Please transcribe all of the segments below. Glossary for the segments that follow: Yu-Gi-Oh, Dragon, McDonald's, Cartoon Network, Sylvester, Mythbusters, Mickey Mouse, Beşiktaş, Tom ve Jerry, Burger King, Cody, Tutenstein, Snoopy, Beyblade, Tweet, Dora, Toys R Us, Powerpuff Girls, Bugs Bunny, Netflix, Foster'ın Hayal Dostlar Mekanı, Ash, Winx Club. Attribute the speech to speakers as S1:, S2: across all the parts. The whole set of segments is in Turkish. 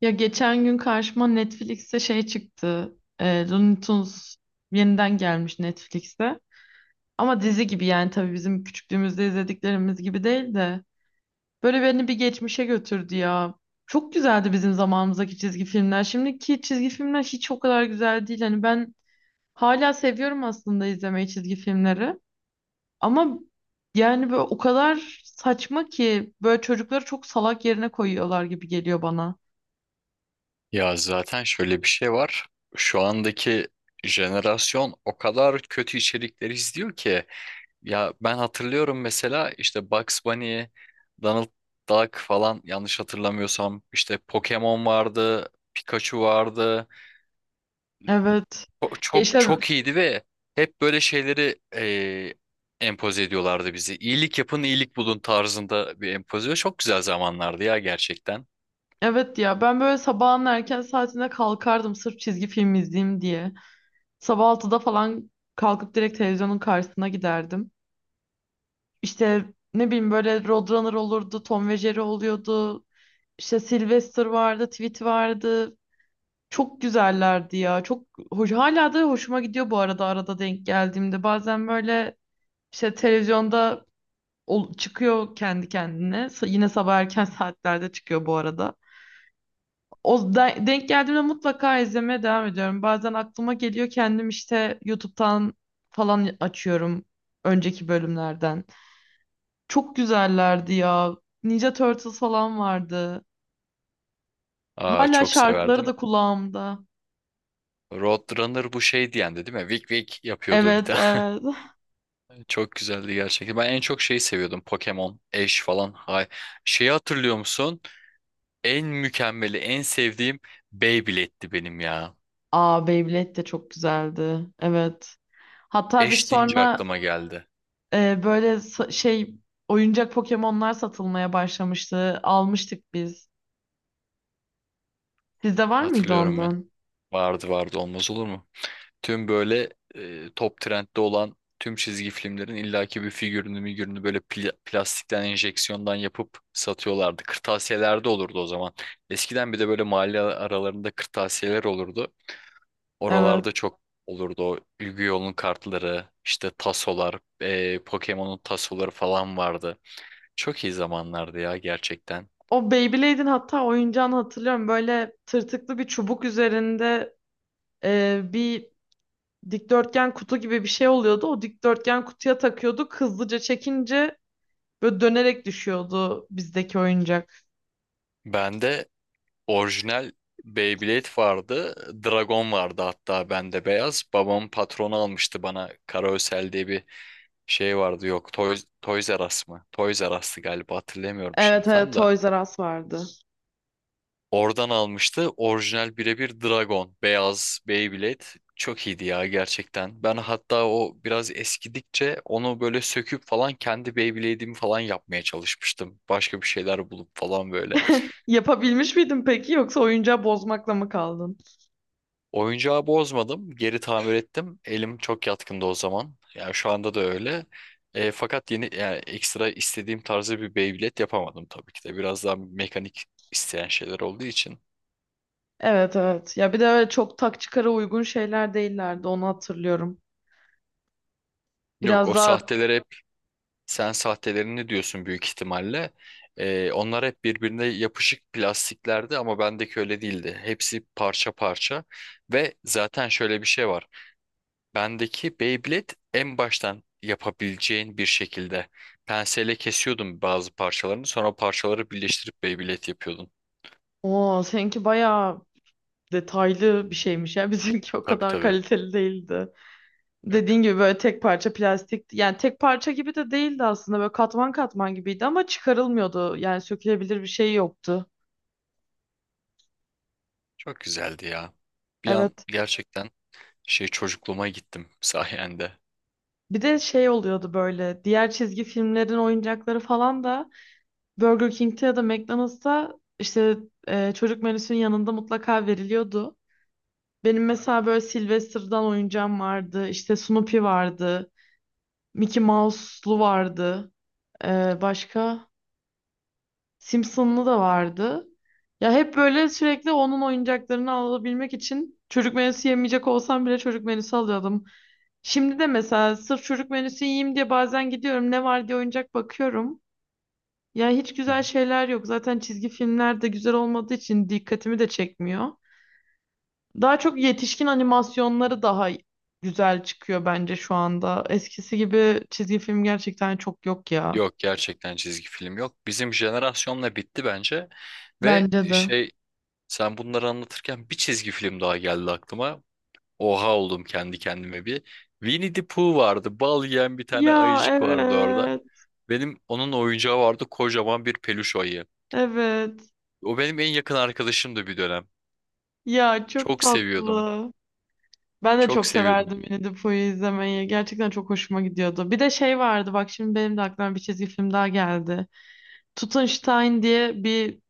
S1: Ya geçen gün karşıma Netflix'te şey çıktı. Looney Tunes yeniden gelmiş Netflix'te. Ama dizi gibi yani tabii bizim küçüklüğümüzde izlediklerimiz gibi değil de. Böyle beni bir geçmişe götürdü ya. Çok güzeldi bizim zamanımızdaki çizgi filmler. Şimdiki çizgi filmler hiç o kadar güzel değil. Hani ben hala seviyorum aslında izlemeyi çizgi filmleri. Ama yani böyle o kadar saçma ki böyle çocukları çok salak yerine koyuyorlar gibi geliyor bana.
S2: Ya zaten şöyle bir şey var. Şu andaki jenerasyon o kadar kötü içerikleri izliyor ki. Ya ben hatırlıyorum mesela işte Bugs Bunny, Donald Duck falan yanlış hatırlamıyorsam işte Pokemon vardı, Pikachu vardı.
S1: Evet.
S2: Çok çok,
S1: Yaşar.
S2: çok iyiydi ve hep böyle şeyleri empoze ediyorlardı bizi. İyilik yapın, iyilik bulun tarzında bir empoze. Çok güzel zamanlardı ya gerçekten.
S1: Evet ya ben böyle sabahın erken saatinde kalkardım sırf çizgi film izleyeyim diye. Sabah 6'da falan kalkıp direkt televizyonun karşısına giderdim. İşte ne bileyim böyle Roadrunner olurdu, Tom ve Jerry oluyordu. İşte Sylvester vardı, Tweet vardı. Çok güzellerdi ya. Çok hoş, hala da hoşuma gidiyor bu arada, arada denk geldiğimde. Bazen böyle işte televizyonda çıkıyor kendi kendine. Yine sabah erken saatlerde çıkıyor bu arada. O denk geldiğimde mutlaka izlemeye devam ediyorum. Bazen aklıma geliyor, kendim işte YouTube'dan falan açıyorum önceki bölümlerden. Çok güzellerdi ya. Ninja Turtles falan vardı.
S2: Aa,
S1: Hala
S2: çok
S1: şarkıları
S2: severdim.
S1: da kulağımda.
S2: Roadrunner bu şey diyendi değil mi? Wick Wick yapıyordu bir
S1: Evet,
S2: tane.
S1: evet.
S2: Çok güzeldi gerçekten. Ben en çok şeyi seviyordum. Pokemon, Ash falan. Hay. Şeyi hatırlıyor musun? En mükemmeli, en sevdiğim Beyblade'ti benim ya.
S1: Aa, Beyblade de çok güzeldi. Evet. Hatta biz
S2: Ash deyince
S1: sonra
S2: aklıma geldi.
S1: böyle şey oyuncak Pokemon'lar satılmaya başlamıştı. Almıştık biz. Sizde var mıydı
S2: Hatırlıyorum ben.
S1: ondan?
S2: Vardı, olmaz olur mu? Tüm böyle top trendde olan tüm çizgi filmlerin illaki bir figürünü migürünü böyle plastikten enjeksiyondan yapıp satıyorlardı. Kırtasiyelerde olurdu o zaman. Eskiden bir de böyle mahalle aralarında kırtasiyeler olurdu.
S1: Evet.
S2: Oralarda çok olurdu o Yu-Gi-Oh'un kartları, işte tasolar, Pokemon'un tasoları falan vardı. Çok iyi zamanlardı ya gerçekten.
S1: O Beyblade'in hatta oyuncağını hatırlıyorum. Böyle tırtıklı bir çubuk üzerinde bir dikdörtgen kutu gibi bir şey oluyordu. O dikdörtgen kutuya takıyorduk. Hızlıca çekince böyle dönerek düşüyordu bizdeki oyuncak.
S2: Ben de orijinal Beyblade vardı. Dragon vardı hatta bende beyaz. Babam patronu almıştı bana. Karaösel diye bir şey vardı. Yok Toys, Toys R Us mı? Toys R Us'tı galiba hatırlamıyorum
S1: Evet
S2: şimdi
S1: evet,
S2: tam da.
S1: Toys R Us vardı.
S2: Oradan almıştı. Orijinal birebir Dragon. Beyaz Beyblade. Çok iyiydi ya gerçekten. Ben hatta o biraz eskidikçe onu böyle söküp falan kendi Beyblade'imi falan yapmaya çalışmıştım. Başka bir şeyler bulup falan böyle.
S1: Yapabilmiş miydin peki, yoksa oyuncağı bozmakla mı kaldın?
S2: Oyuncağı bozmadım. Geri tamir ettim. Elim çok yatkındı o zaman. Yani şu anda da öyle. Fakat yeni yani ekstra istediğim tarzı bir Beyblade yapamadım tabii ki de. Biraz daha mekanik isteyen şeyler olduğu için.
S1: Evet evet. Ya bir de öyle çok tak çıkara uygun şeyler değillerdi, onu hatırlıyorum.
S2: Yok
S1: Biraz
S2: o
S1: daha
S2: sahteler hep sen sahtelerini diyorsun büyük ihtimalle. Onlar hep birbirine yapışık plastiklerdi ama bendeki öyle değildi. Hepsi parça parça ve zaten şöyle bir şey var. Bendeki Beyblade en baştan yapabileceğin bir şekilde penseyle kesiyordum bazı parçalarını. Sonra o parçaları birleştirip Beyblade yapıyordun.
S1: o seninki bayağı detaylı bir şeymiş ya, bizimki o
S2: Tabii
S1: kadar
S2: tabii.
S1: kaliteli değildi.
S2: Yok.
S1: Dediğin gibi böyle tek parça plastik, yani tek parça gibi de değildi aslında, böyle katman katman gibiydi ama çıkarılmıyordu, yani sökülebilir bir şey yoktu.
S2: Çok güzeldi ya. Bir an
S1: Evet.
S2: gerçekten şey çocukluğuma gittim sayende.
S1: Bir de şey oluyordu, böyle diğer çizgi filmlerin oyuncakları falan da Burger King'te ya da McDonald's'ta işte çocuk menüsünün yanında mutlaka veriliyordu. Benim mesela böyle Sylvester'dan oyuncağım vardı, işte Snoopy vardı, Mickey Mouse'lu vardı. Başka? Simpson'lu da vardı. Ya hep böyle sürekli onun oyuncaklarını alabilmek için çocuk menüsü yemeyecek olsam bile çocuk menüsü alıyordum. Şimdi de mesela sırf çocuk menüsü yiyeyim diye bazen gidiyorum, ne var diye oyuncak bakıyorum. Ya hiç
S2: Hı
S1: güzel
S2: hı.
S1: şeyler yok. Zaten çizgi filmler de güzel olmadığı için dikkatimi de çekmiyor. Daha çok yetişkin animasyonları daha güzel çıkıyor bence şu anda. Eskisi gibi çizgi film gerçekten çok yok ya.
S2: Yok gerçekten çizgi film yok. Bizim jenerasyonla bitti bence. Ve
S1: Bence de.
S2: şey sen bunları anlatırken bir çizgi film daha geldi aklıma. Oha oldum kendi kendime bir. Winnie the Pooh vardı. Bal yiyen bir tane
S1: Ya
S2: ayıcık vardı orada.
S1: evet.
S2: Benim onun oyuncağı vardı kocaman bir peluş ayı.
S1: Evet.
S2: O benim en yakın arkadaşımdı bir dönem.
S1: Ya çok
S2: Çok seviyordum.
S1: tatlı. Ben de
S2: Çok
S1: çok
S2: seviyordum.
S1: severdim Winnie the Pooh'yu izlemeyi. Gerçekten çok hoşuma gidiyordu. Bir de şey vardı bak, şimdi benim de aklıma bir çizgi film daha geldi. Tutenstein diye bir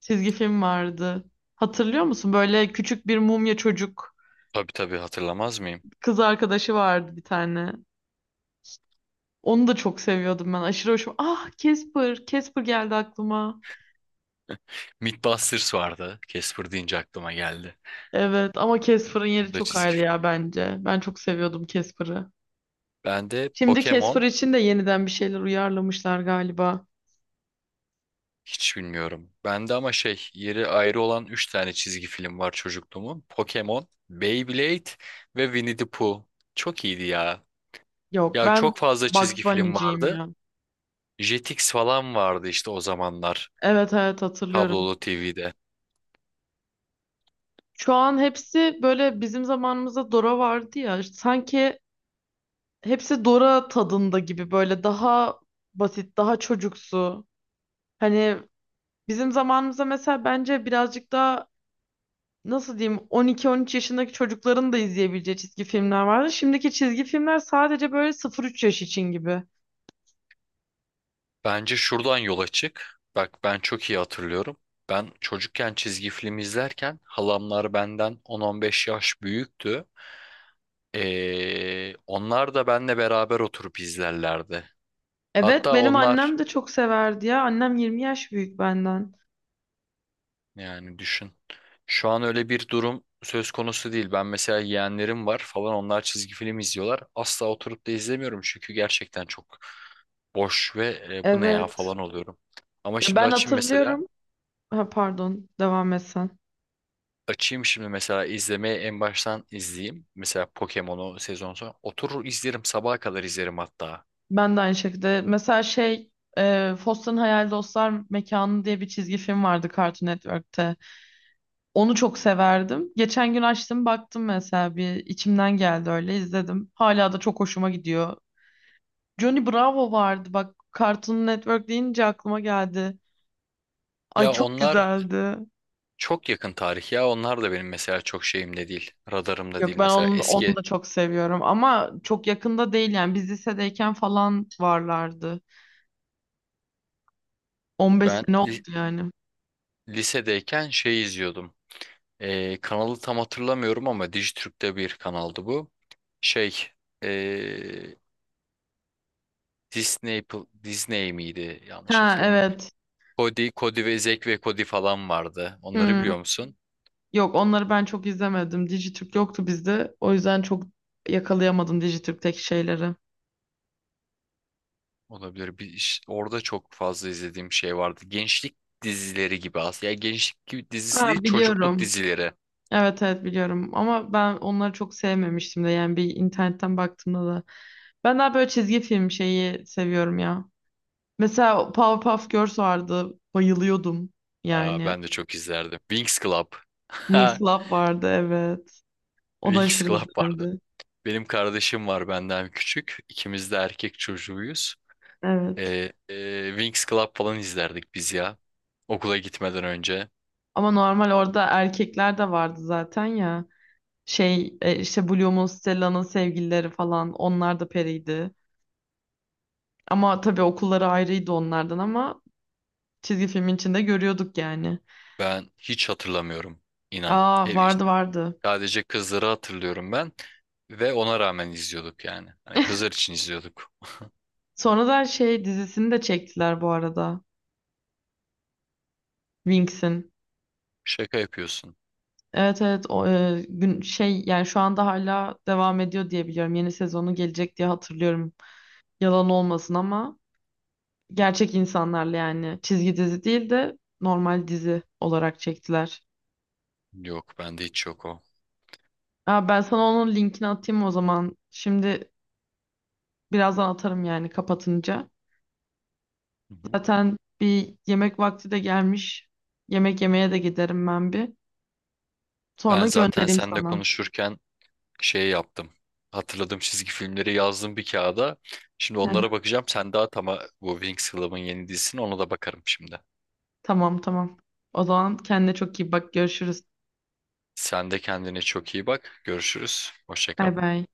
S1: çizgi film vardı. Hatırlıyor musun? Böyle küçük bir mumya çocuk,
S2: Tabii tabii hatırlamaz mıyım?
S1: kız arkadaşı vardı bir tane. Onu da çok seviyordum ben. Aşırı hoşuma. Ah, Casper. Casper geldi aklıma.
S2: Mythbusters vardı. Casper deyince aklıma geldi.
S1: Evet ama Casper'ın yeri
S2: Onu da
S1: çok
S2: çizgi
S1: ayrı
S2: film.
S1: ya bence. Ben çok seviyordum Casper'ı.
S2: Bende
S1: Şimdi Casper
S2: Pokemon
S1: için de yeniden bir şeyler uyarlamışlar galiba.
S2: hiç bilmiyorum. Bende ama şey yeri ayrı olan 3 tane çizgi film var çocukluğumun. Pokemon, Beyblade ve Winnie the Pooh. Çok iyiydi ya.
S1: Yok,
S2: Ya
S1: ben
S2: çok fazla
S1: Bugs
S2: çizgi film
S1: Bunny'ciyim
S2: vardı.
S1: ya.
S2: Jetix falan vardı işte o zamanlar
S1: Evet evet, hatırlıyorum.
S2: kablolu TV'de.
S1: Şu an hepsi böyle, bizim zamanımızda Dora vardı ya. İşte sanki hepsi Dora tadında gibi, böyle daha basit, daha çocuksu. Hani bizim zamanımızda mesela bence birazcık daha, nasıl diyeyim, 12-13 yaşındaki çocukların da izleyebileceği çizgi filmler vardı. Şimdiki çizgi filmler sadece böyle 0-3 yaş için gibi.
S2: Bence şuradan yola çık. Bak ben çok iyi hatırlıyorum. Ben çocukken çizgi film izlerken halamlar benden 10-15 yaş büyüktü. Onlar da benle beraber oturup izlerlerdi.
S1: Evet,
S2: Hatta
S1: benim
S2: onlar
S1: annem de çok severdi ya. Annem 20 yaş büyük benden.
S2: yani düşün. Şu an öyle bir durum söz konusu değil. Ben mesela yeğenlerim var falan onlar çizgi film izliyorlar. Asla oturup da izlemiyorum çünkü gerçekten çok boş ve bu ne ya
S1: Evet.
S2: falan oluyorum. Ama
S1: Ya
S2: şimdi
S1: ben
S2: açayım mesela.
S1: hatırlıyorum. Ha, pardon, devam et sen.
S2: Açayım şimdi mesela izlemeye en baştan izleyeyim. Mesela Pokemon'u sezon sonu. Oturur izlerim sabaha kadar izlerim hatta.
S1: Ben de aynı şekilde. Mesela şey, Foster'ın Hayal Dostlar Mekanı diye bir çizgi film vardı Cartoon Network'te. Onu çok severdim. Geçen gün açtım baktım mesela, bir içimden geldi öyle izledim. Hala da çok hoşuma gidiyor. Johnny Bravo vardı bak, Cartoon Network deyince aklıma geldi. Ay,
S2: Ya
S1: çok
S2: onlar
S1: güzeldi.
S2: çok yakın tarih ya onlar da benim mesela çok şeyimde değil. Radarımda değil
S1: Yok, ben
S2: mesela.
S1: onu
S2: Eski
S1: da çok seviyorum, ama çok yakında değil yani, biz lisedeyken falan varlardı. 15
S2: ben
S1: sene oldu yani.
S2: lisedeyken şey izliyordum. Kanalı tam hatırlamıyorum ama Dijitürk'te bir kanaldı bu. Şey ee, Disney Disney miydi? Yanlış
S1: Ha
S2: hatırlamıyorum.
S1: evet.
S2: Cody, Cody ve Zack ve Cody falan vardı. Onları
S1: Hmm.
S2: biliyor musun?
S1: Yok, onları ben çok izlemedim. Dijitürk yoktu bizde. O yüzden çok yakalayamadım Dijitürk'teki şeyleri.
S2: Olabilir. Bir, orada çok fazla izlediğim şey vardı. Gençlik dizileri gibi aslında. Yani gençlik gibi dizisi değil,
S1: Ha,
S2: çocukluk
S1: biliyorum.
S2: dizileri.
S1: Evet evet, biliyorum. Ama ben onları çok sevmemiştim de. Yani bir internetten baktığımda da. Ben daha böyle çizgi film şeyi seviyorum ya. Mesela Powerpuff Girls vardı. Bayılıyordum.
S2: Aa,
S1: Yani.
S2: ben de çok izlerdim. Winx Club.
S1: Winx Club vardı, evet. O da
S2: Winx
S1: aşırı
S2: Club vardı.
S1: güzeldi.
S2: Benim kardeşim var benden küçük. İkimiz de erkek çocuğuyuz.
S1: Evet.
S2: Winx Club falan izlerdik biz ya. Okula gitmeden önce.
S1: Ama normal orada erkekler de vardı zaten ya. Şey, işte Bloom'un, Stella'nın sevgilileri falan, onlar da periydi. Ama tabii okulları ayrıydı onlardan, ama çizgi filmin içinde görüyorduk yani.
S2: Ben hiç hatırlamıyorum inan.
S1: Aa, vardı vardı.
S2: Sadece kızları hatırlıyorum ben. Ve ona rağmen izliyorduk yani. Hani kızlar için izliyorduk.
S1: Sonra da şey dizisini de çektiler bu arada. Winx'in.
S2: Şaka yapıyorsun.
S1: Evet evet, o gün şey yani şu anda hala devam ediyor diye biliyorum. Yeni sezonu gelecek diye hatırlıyorum. Yalan olmasın ama gerçek insanlarla, yani çizgi dizi değil de normal dizi olarak çektiler.
S2: Yok bende hiç yok o.
S1: Aa, ben sana onun linkini atayım o zaman. Şimdi birazdan atarım yani, kapatınca.
S2: Hı hı.
S1: Zaten bir yemek vakti de gelmiş. Yemek yemeye de giderim ben bir.
S2: Ben
S1: Sonra
S2: zaten
S1: göndereyim
S2: seninle
S1: sana.
S2: konuşurken şey yaptım. Hatırladığım çizgi filmleri yazdım bir kağıda. Şimdi
S1: Hı
S2: onlara
S1: hı.
S2: bakacağım. Sen daha tam bu Winx Club'ın yeni dizisini ona da bakarım şimdi.
S1: Tamam tamam. O zaman kendine çok iyi bak. Görüşürüz.
S2: Sen de kendine çok iyi bak. Görüşürüz. Hoşça
S1: Bay
S2: kal.
S1: bay.